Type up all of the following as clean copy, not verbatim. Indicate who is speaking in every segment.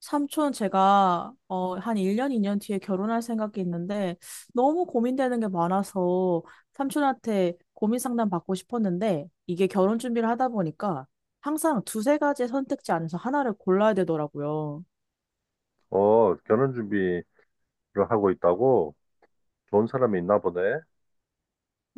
Speaker 1: 삼촌, 제가 한 1년, 2년 뒤에 결혼할 생각이 있는데 너무 고민되는 게 많아서 삼촌한테 고민 상담 받고 싶었는데, 이게 결혼 준비를 하다 보니까 항상 두세 가지 선택지 안에서 하나를 골라야 되더라고요.
Speaker 2: 결혼 준비를 하고 있다고? 좋은 사람이 있나 보네.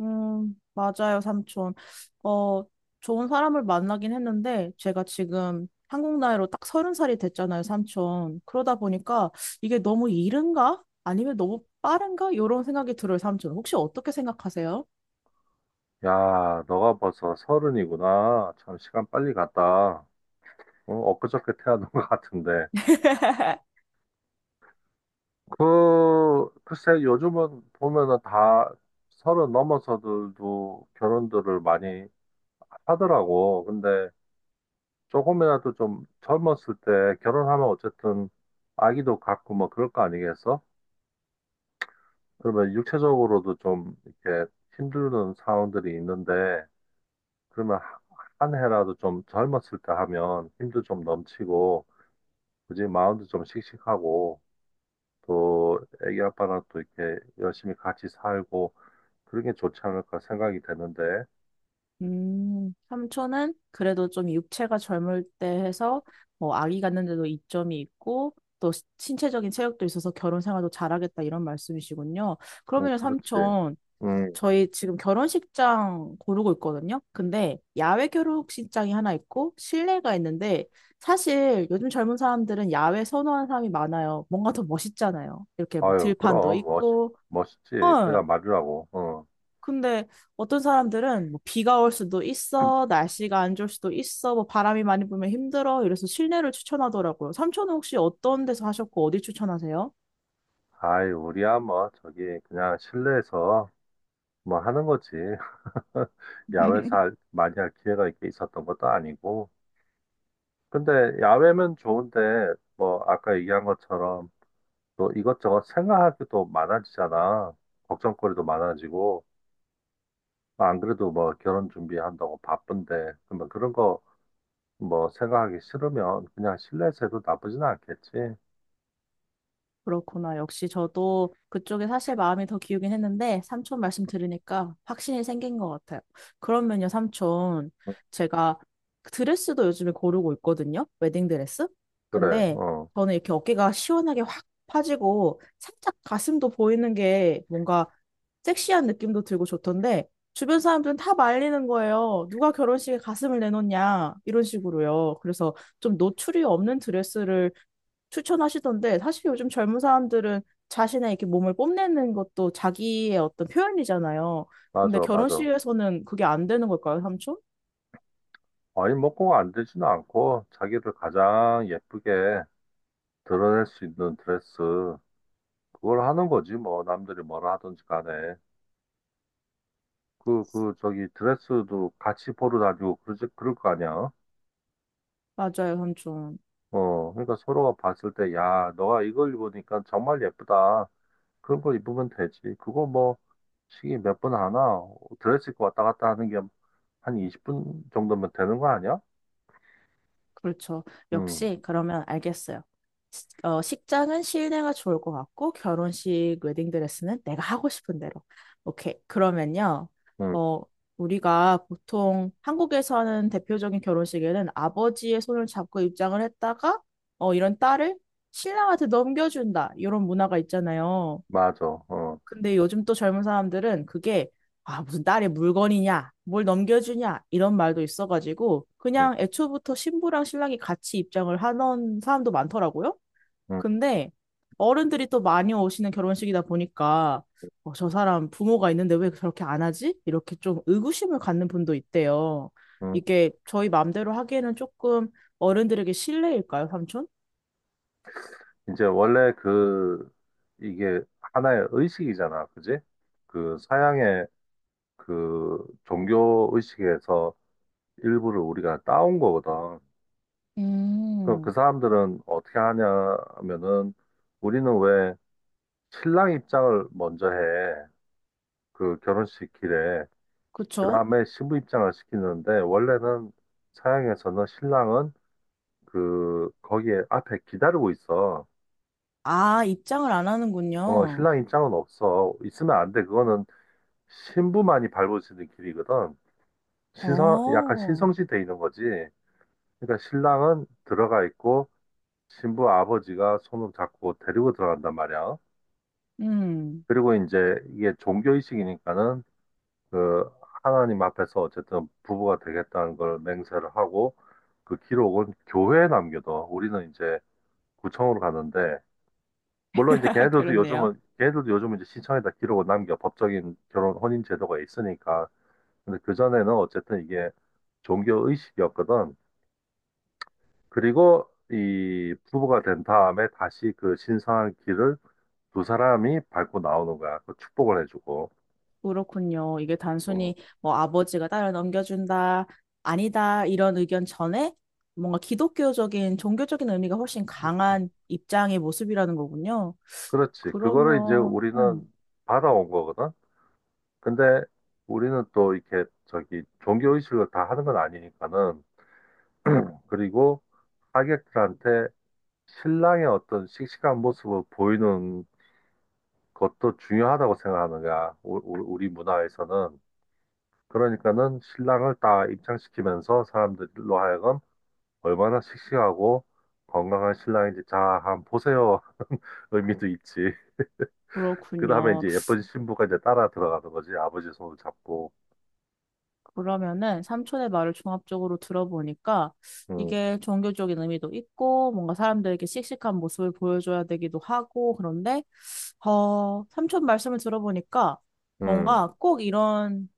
Speaker 1: 맞아요, 삼촌. 어, 좋은 사람을 만나긴 했는데, 제가 지금 한국 나이로 딱 서른 살이 됐잖아요, 삼촌. 그러다 보니까 이게 너무 이른가? 아니면 너무 빠른가? 이런 생각이 들어요, 삼촌. 혹시 어떻게 생각하세요?
Speaker 2: 야, 너가 벌써 서른이구나. 참, 시간 빨리 갔다. 엊그저께 태어난 것 같은데. 글쎄, 요즘은 보면은 다 서른 넘어서들도 결혼들을 많이 하더라고. 근데 조금이라도 좀 젊었을 때 결혼하면 어쨌든 아기도 갖고 뭐 그럴 거 아니겠어? 그러면 육체적으로도 좀 이렇게 힘드는 상황들이 있는데, 그러면 한 해라도 좀 젊었을 때 하면 힘도 좀 넘치고, 굳이 마음도 좀 씩씩하고, 또 애기 아빠랑 또 이렇게 열심히 같이 살고, 그런 게 좋지 않을까 생각이 되는데.
Speaker 1: 삼촌은 그래도 좀 육체가 젊을 때 해서 뭐 아기 갖는데도 이점이 있고 또 신체적인 체력도 있어서 결혼 생활도 잘하겠다 이런 말씀이시군요.
Speaker 2: 응.
Speaker 1: 그러면
Speaker 2: 그렇지.
Speaker 1: 삼촌,
Speaker 2: 응.
Speaker 1: 저희 지금 결혼식장 고르고 있거든요. 근데 야외 결혼식장이 하나 있고 실내가 있는데, 사실 요즘 젊은 사람들은 야외 선호하는 사람이 많아요. 뭔가 더 멋있잖아요. 이렇게 뭐
Speaker 2: 아유,
Speaker 1: 들판도
Speaker 2: 그럼, 멋,
Speaker 1: 있고.
Speaker 2: 멋있지.
Speaker 1: 어,
Speaker 2: 그야 말이라고. 응.
Speaker 1: 근데 어떤 사람들은 뭐 비가 올 수도 있어, 날씨가 안 좋을 수도 있어, 뭐 바람이 많이 불면 힘들어, 이래서 실내를 추천하더라고요. 삼촌은 혹시 어떤 데서 하셨고 어디 추천하세요?
Speaker 2: 아이, 우리야 뭐, 저기, 그냥 실내에서 뭐 하는 거지. 야외에서 많이 할 기회가 이렇게 있었던 것도 아니고, 근데 야외면 좋은데 뭐 아까 얘기한 것처럼 또 이것저것 생각하기도 많아지잖아. 걱정거리도 많아지고 안 그래도 뭐 결혼 준비한다고 바쁜데 그러면 그런 거 뭐 생각하기 싫으면 그냥 실내에서 해도 나쁘진 않겠지.
Speaker 1: 그렇구나. 역시 저도 그쪽에 사실 마음이 더 기우긴 했는데 삼촌 말씀 들으니까 확신이 생긴 것 같아요. 그러면요, 삼촌. 제가 드레스도 요즘에 고르고 있거든요. 웨딩 드레스.
Speaker 2: 그래,
Speaker 1: 근데 저는 이렇게 어깨가 시원하게 확 파지고 살짝 가슴도 보이는 게 뭔가 섹시한 느낌도 들고 좋던데, 주변 사람들은 다 말리는 거예요. 누가 결혼식에 가슴을 내놓냐 이런 식으로요. 그래서 좀 노출이 없는 드레스를 추천하시던데, 사실 요즘 젊은 사람들은 자신의 이렇게 몸을 뽐내는 것도 자기의 어떤 표현이잖아요. 근데
Speaker 2: 맞아, 맞아.
Speaker 1: 결혼식에서는 그게 안 되는 걸까요, 삼촌?
Speaker 2: 아니 뭐 꼭 안 되지는 않고 자기를 가장 예쁘게 드러낼 수 있는 드레스 그걸 하는 거지 뭐 남들이 뭐라 하든지 간에. 저기, 드레스도 같이 보러 다니고, 그러지, 그럴 거 아니야.
Speaker 1: 맞아요, 삼촌.
Speaker 2: 그러니까 서로가 봤을 때, 야, 너가 이걸 입으니까 정말 예쁘다. 그런 걸 입으면 되지. 그거 뭐, 시계 몇 분 하나? 드레스 입고 왔다 갔다 하는 게 한 20분 정도면 되는 거 아니야?
Speaker 1: 그렇죠.
Speaker 2: 응,
Speaker 1: 역시 그러면 알겠어요. 식장은 실내가 좋을 것 같고 결혼식 웨딩드레스는 내가 하고 싶은 대로. 오케이. 그러면요.
Speaker 2: 응,
Speaker 1: 어, 우리가 보통 한국에서 하는 대표적인 결혼식에는 아버지의 손을 잡고 입장을 했다가 이런 딸을 신랑한테 넘겨준다. 이런 문화가 있잖아요.
Speaker 2: 맞아. 어,
Speaker 1: 근데 요즘 또 젊은 사람들은 그게 아, 무슨 딸의 물건이냐, 뭘 넘겨주냐, 이런 말도 있어가지고
Speaker 2: 응,
Speaker 1: 그냥 애초부터 신부랑 신랑이 같이 입장을 하는 사람도 많더라고요.
Speaker 2: 응,
Speaker 1: 근데 어른들이 또 많이 오시는 결혼식이다 보니까 저 사람 부모가 있는데 왜 저렇게 안 하지? 이렇게 좀 의구심을 갖는 분도 있대요.
Speaker 2: 응.
Speaker 1: 이게 저희 마음대로 하기에는 조금 어른들에게 실례일까요, 삼촌?
Speaker 2: 이제 원래 이게 하나의 의식이잖아. 그지? 그 서양의 그 종교 의식에서 일부를 우리가 따온 거거든. 그럼 그
Speaker 1: 음,
Speaker 2: 사람들은 어떻게 하냐면은 우리는 왜 신랑 입장을 먼저 해. 그 결혼식 길에. 그
Speaker 1: 그쵸?
Speaker 2: 다음에 신부 입장을 시키는데 원래는 서양에서는 신랑은 그 거기에 앞에 기다리고 있어.
Speaker 1: 아, 입장을 안 하는군요.
Speaker 2: 신랑 입장은 없어. 있으면 안 돼. 그거는 신부만이 밟을 수 있는 길이거든. 약간
Speaker 1: 어,
Speaker 2: 신성시 돼 있는 거지. 그러니까 신랑은 들어가 있고 신부 아버지가 손을 잡고 데리고 들어간단 말이야.
Speaker 1: 음,
Speaker 2: 그리고 이제 이게 종교의식이니까는 그 하나님 앞에서 어쨌든 부부가 되겠다는 걸 맹세를 하고 그 기록은 교회에 남겨둬. 우리는 이제 구청으로 가는데 물론 이제 걔네들도
Speaker 1: 그렇네요.
Speaker 2: 요즘은 걔네들도 요즘은 이제 시청에다 기록을 남겨 법적인 결혼 혼인 제도가 있으니까. 근데 그전에는 어쨌든 이게 종교의식이었거든. 그리고 이 부부가 된 다음에 다시 그 신성한 길을 두 사람이 밟고 나오는 거야. 그 축복을 해주고.
Speaker 1: 그렇군요. 이게 단순히 뭐 아버지가 딸을 넘겨준다, 아니다, 이런 의견 전에 뭔가 기독교적인, 종교적인 의미가 훨씬
Speaker 2: 어.
Speaker 1: 강한 입장의 모습이라는 거군요.
Speaker 2: 그렇지. 그거를 이제
Speaker 1: 그러면,
Speaker 2: 우리는 받아온 거거든. 근데 우리는 또 이렇게 저기 종교의식을 다 하는 건 아니니까는. 그리고 하객들한테 신랑의 어떤 씩씩한 모습을 보이는 것도 중요하다고 생각하는 거야. 우리 문화에서는. 그러니까는 신랑을 다 입장시키면서 사람들로 하여금 얼마나 씩씩하고 건강한 신랑인지 자, 한번 보세요. 의미도 있지. 그 다음에
Speaker 1: 그렇군요.
Speaker 2: 이제 예쁜 신부가 이제 따라 들어가는 거지. 아버지 손을 잡고.
Speaker 1: 그러면은 삼촌의 말을 종합적으로 들어보니까
Speaker 2: 음,
Speaker 1: 이게 종교적인 의미도 있고 뭔가 사람들에게 씩씩한 모습을 보여줘야 되기도 하고, 그런데 삼촌 말씀을 들어보니까
Speaker 2: 음,
Speaker 1: 뭔가 꼭 이런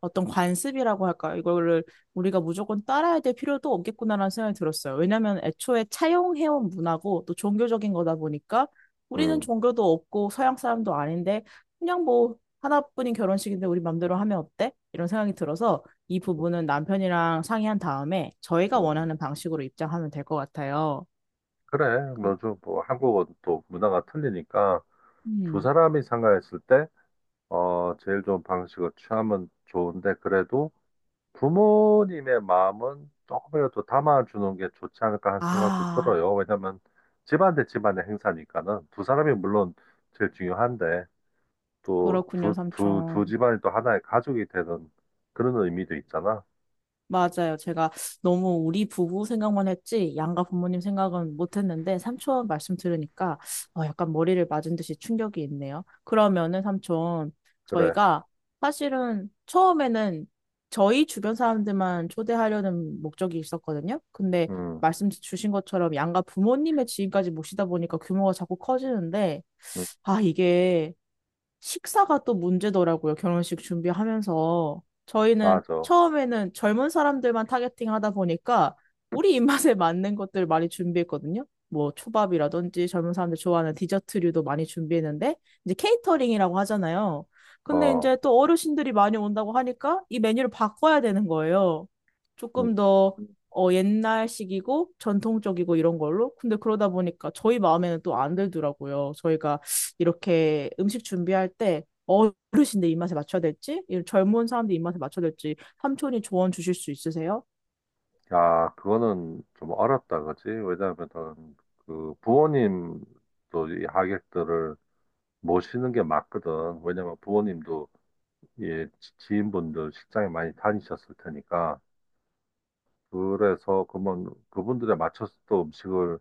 Speaker 1: 어떤 관습이라고 할까요? 이거를 우리가 무조건 따라야 될 필요도 없겠구나라는 생각이 들었어요. 왜냐하면 애초에 차용해온 문화고 또 종교적인 거다 보니까, 우리는
Speaker 2: 음,
Speaker 1: 종교도 없고 서양 사람도 아닌데 그냥 뭐 하나뿐인 결혼식인데 우리 맘대로 하면 어때? 이런 생각이 들어서 이 부분은 남편이랑 상의한 다음에 저희가
Speaker 2: 음.
Speaker 1: 원하는 방식으로 입장하면 될 것 같아요.
Speaker 2: 그래.
Speaker 1: 그-
Speaker 2: 뭐좀 뭐 한국어도 또 문화가 틀리니까 두
Speaker 1: 음.
Speaker 2: 사람이 상가했을 때 제일 좋은 방식을 취하면 좋은데 그래도 부모님의 마음은 조금이라도 담아주는 게 좋지 않을까 하는 생각도
Speaker 1: 아,
Speaker 2: 들어요. 왜냐면 집안 대 집안의 행사니까는 두 사람이 물론 제일 중요한데 또
Speaker 1: 그렇군요,
Speaker 2: 두
Speaker 1: 삼촌.
Speaker 2: 집안이 또 하나의 가족이 되는 그런 의미도 있잖아.
Speaker 1: 맞아요. 제가 너무 우리 부부 생각만 했지 양가 부모님 생각은 못했는데 삼촌 말씀 들으니까 약간 머리를 맞은 듯이 충격이 있네요. 그러면은 삼촌,
Speaker 2: 그래.
Speaker 1: 저희가 사실은 처음에는 저희 주변 사람들만 초대하려는 목적이 있었거든요. 근데
Speaker 2: 음,
Speaker 1: 말씀 주신 것처럼 양가 부모님의 지인까지 모시다 보니까 규모가 자꾸 커지는데,
Speaker 2: 음,
Speaker 1: 아 이게 식사가 또 문제더라고요. 결혼식 준비하면서. 저희는
Speaker 2: 맞아.
Speaker 1: 처음에는 젊은 사람들만 타겟팅 하다 보니까 우리 입맛에 맞는 것들 많이 준비했거든요. 뭐 초밥이라든지 젊은 사람들 좋아하는 디저트류도 많이 준비했는데, 이제 케이터링이라고 하잖아요. 근데
Speaker 2: 어.
Speaker 1: 이제 또 어르신들이 많이 온다고 하니까 이 메뉴를 바꿔야 되는 거예요.
Speaker 2: 음.
Speaker 1: 조금 더 옛날식이고 전통적이고 이런 걸로. 근데 그러다 보니까 저희 마음에는 또 안 들더라고요. 저희가 이렇게 음식 준비할 때 어르신들 입맛에 맞춰야 될지, 이 젊은 사람들 입맛에 맞춰야 될지 삼촌이 조언 주실 수 있으세요?
Speaker 2: 야, 그거는 좀 어렵다, 그지? 왜냐하면 그 부모님도 이 하객들을 모시는 게 맞거든. 왜냐면 부모님도 예, 지인분들 식장에 많이 다니셨을 테니까. 그래서 그분 그분들에 맞춰서 또 음식을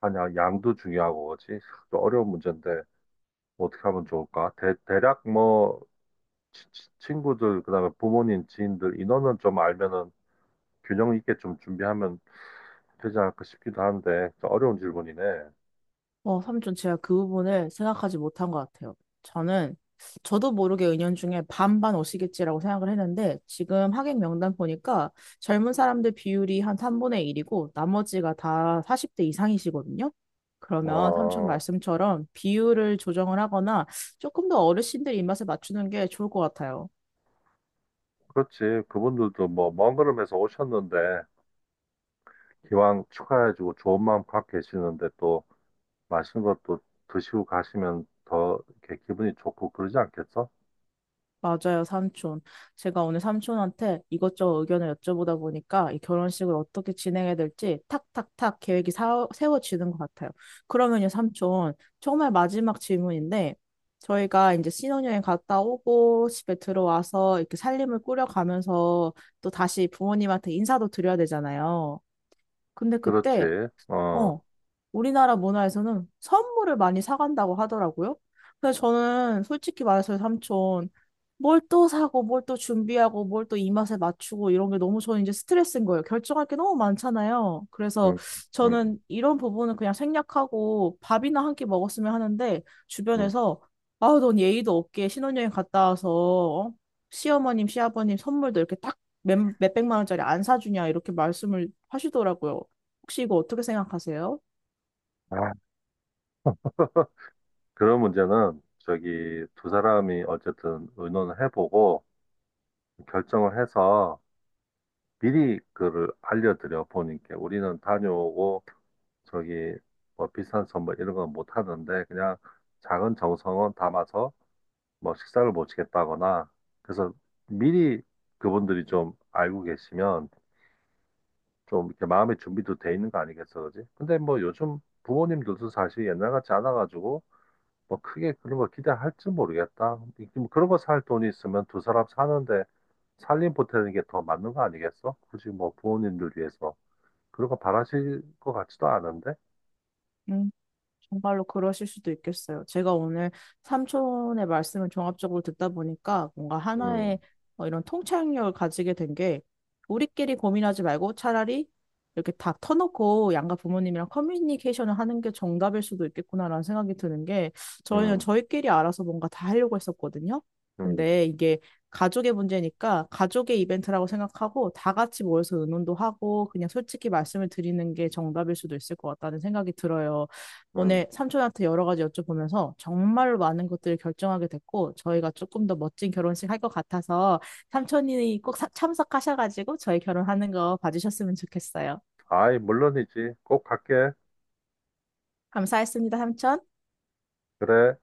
Speaker 2: 하냐 양도 중요하고 그지? 좀 어려운 문제인데 어떻게 하면 좋을까? 대략 뭐 친구들 그다음에 부모님 지인들 인원은 좀 알면은 균형 있게 좀 준비하면 되지 않을까 싶기도 한데 좀 어려운 질문이네.
Speaker 1: 삼촌, 제가 그 부분을 생각하지 못한 것 같아요. 저는 저도 모르게 은연중에 반반 오시겠지라고 생각을 했는데 지금 하객 명단 보니까 젊은 사람들 비율이 한 3분의 1이고 나머지가 다 40대 이상이시거든요. 그러면 삼촌
Speaker 2: 어,
Speaker 1: 말씀처럼 비율을 조정을 하거나 조금 더 어르신들 입맛에 맞추는 게 좋을 것 같아요.
Speaker 2: 그렇지. 그분들도 뭐 먼 걸음에서 오셨는데 기왕 축하해주고 좋은 마음 갖고 계시는데 또 맛있는 것도 드시고 가시면 더 이렇게 기분이 좋고 그러지 않겠어?
Speaker 1: 맞아요, 삼촌. 제가 오늘 삼촌한테 이것저것 의견을 여쭤보다 보니까 이 결혼식을 어떻게 진행해야 될지 탁탁탁 계획이 세워지는 것 같아요. 그러면요, 삼촌, 정말 마지막 질문인데, 저희가 이제 신혼여행 갔다 오고 집에 들어와서 이렇게 살림을 꾸려가면서 또 다시 부모님한테 인사도 드려야 되잖아요. 근데 그때
Speaker 2: 그렇지. 어,
Speaker 1: 어, 우리나라 문화에서는 선물을 많이 사간다고 하더라고요. 근데 저는 솔직히 말해서 삼촌, 뭘 또 사고, 뭘 또 준비하고, 뭘 또 입맛에 맞추고, 이런 게 너무 저는 이제 스트레스인 거예요. 결정할 게 너무 많잖아요. 그래서
Speaker 2: 음, 음,
Speaker 1: 저는 이런 부분은 그냥 생략하고 밥이나 한 끼 먹었으면 하는데,
Speaker 2: 음.
Speaker 1: 주변에서, 아우, 넌 예의도 없게 신혼여행 갔다 와서, 어? 시어머님, 시아버님 선물도 이렇게 딱 몇백만 원짜리 안 사주냐, 이렇게 말씀을 하시더라고요. 혹시 이거 어떻게 생각하세요?
Speaker 2: 아, 그런 문제는 저기 두 사람이 어쨌든 의논을 해보고 결정을 해서 미리 그를 알려드려 본인께 우리는 다녀오고 저기 뭐 비싼 선물 이런 건 못 하는데 그냥 작은 정성은 담아서 뭐 식사를 모치겠다거나 그래서 미리 그분들이 좀 알고 계시면 좀 이렇게 마음의 준비도 돼 있는 거 아니겠어, 그지? 근데 뭐 요즘 부모님들도 사실 옛날 같지 않아가지고 뭐 크게 그런 거 기대할지 모르겠다. 뭐 그런 거 살 돈이 있으면 두 사람 사는데 살림 보태는 게 더 맞는 거 아니겠어? 굳이 뭐 부모님들 위해서 그런 거 바라실 것 같지도 않은데.
Speaker 1: 음. 정말로 그러실 수도 있겠어요. 제가 오늘 삼촌의 말씀을 종합적으로 듣다 보니까 뭔가 하나의
Speaker 2: 음,
Speaker 1: 이런 통찰력을 가지게 된 게, 우리끼리 고민하지 말고 차라리 이렇게 다 터놓고 양가 부모님이랑 커뮤니케이션을 하는 게 정답일 수도 있겠구나라는 생각이 드는 게, 저희는
Speaker 2: 음.
Speaker 1: 저희끼리 알아서 뭔가 다 하려고 했었거든요.
Speaker 2: 음.
Speaker 1: 근데 이게 가족의 문제니까 가족의 이벤트라고 생각하고 다 같이 모여서 의논도 하고 그냥 솔직히 말씀을 드리는 게 정답일 수도 있을 것 같다는 생각이 들어요.
Speaker 2: 음.
Speaker 1: 오늘 삼촌한테 여러 가지 여쭤보면서 정말로 많은 것들을 결정하게 됐고 저희가 조금 더 멋진 결혼식 할 것 같아서 삼촌이 꼭 참석하셔가지고 저희 결혼하는 거 봐주셨으면 좋겠어요.
Speaker 2: 아이, 물론이지. 꼭 갈게.
Speaker 1: 감사했습니다, 삼촌.
Speaker 2: 그래.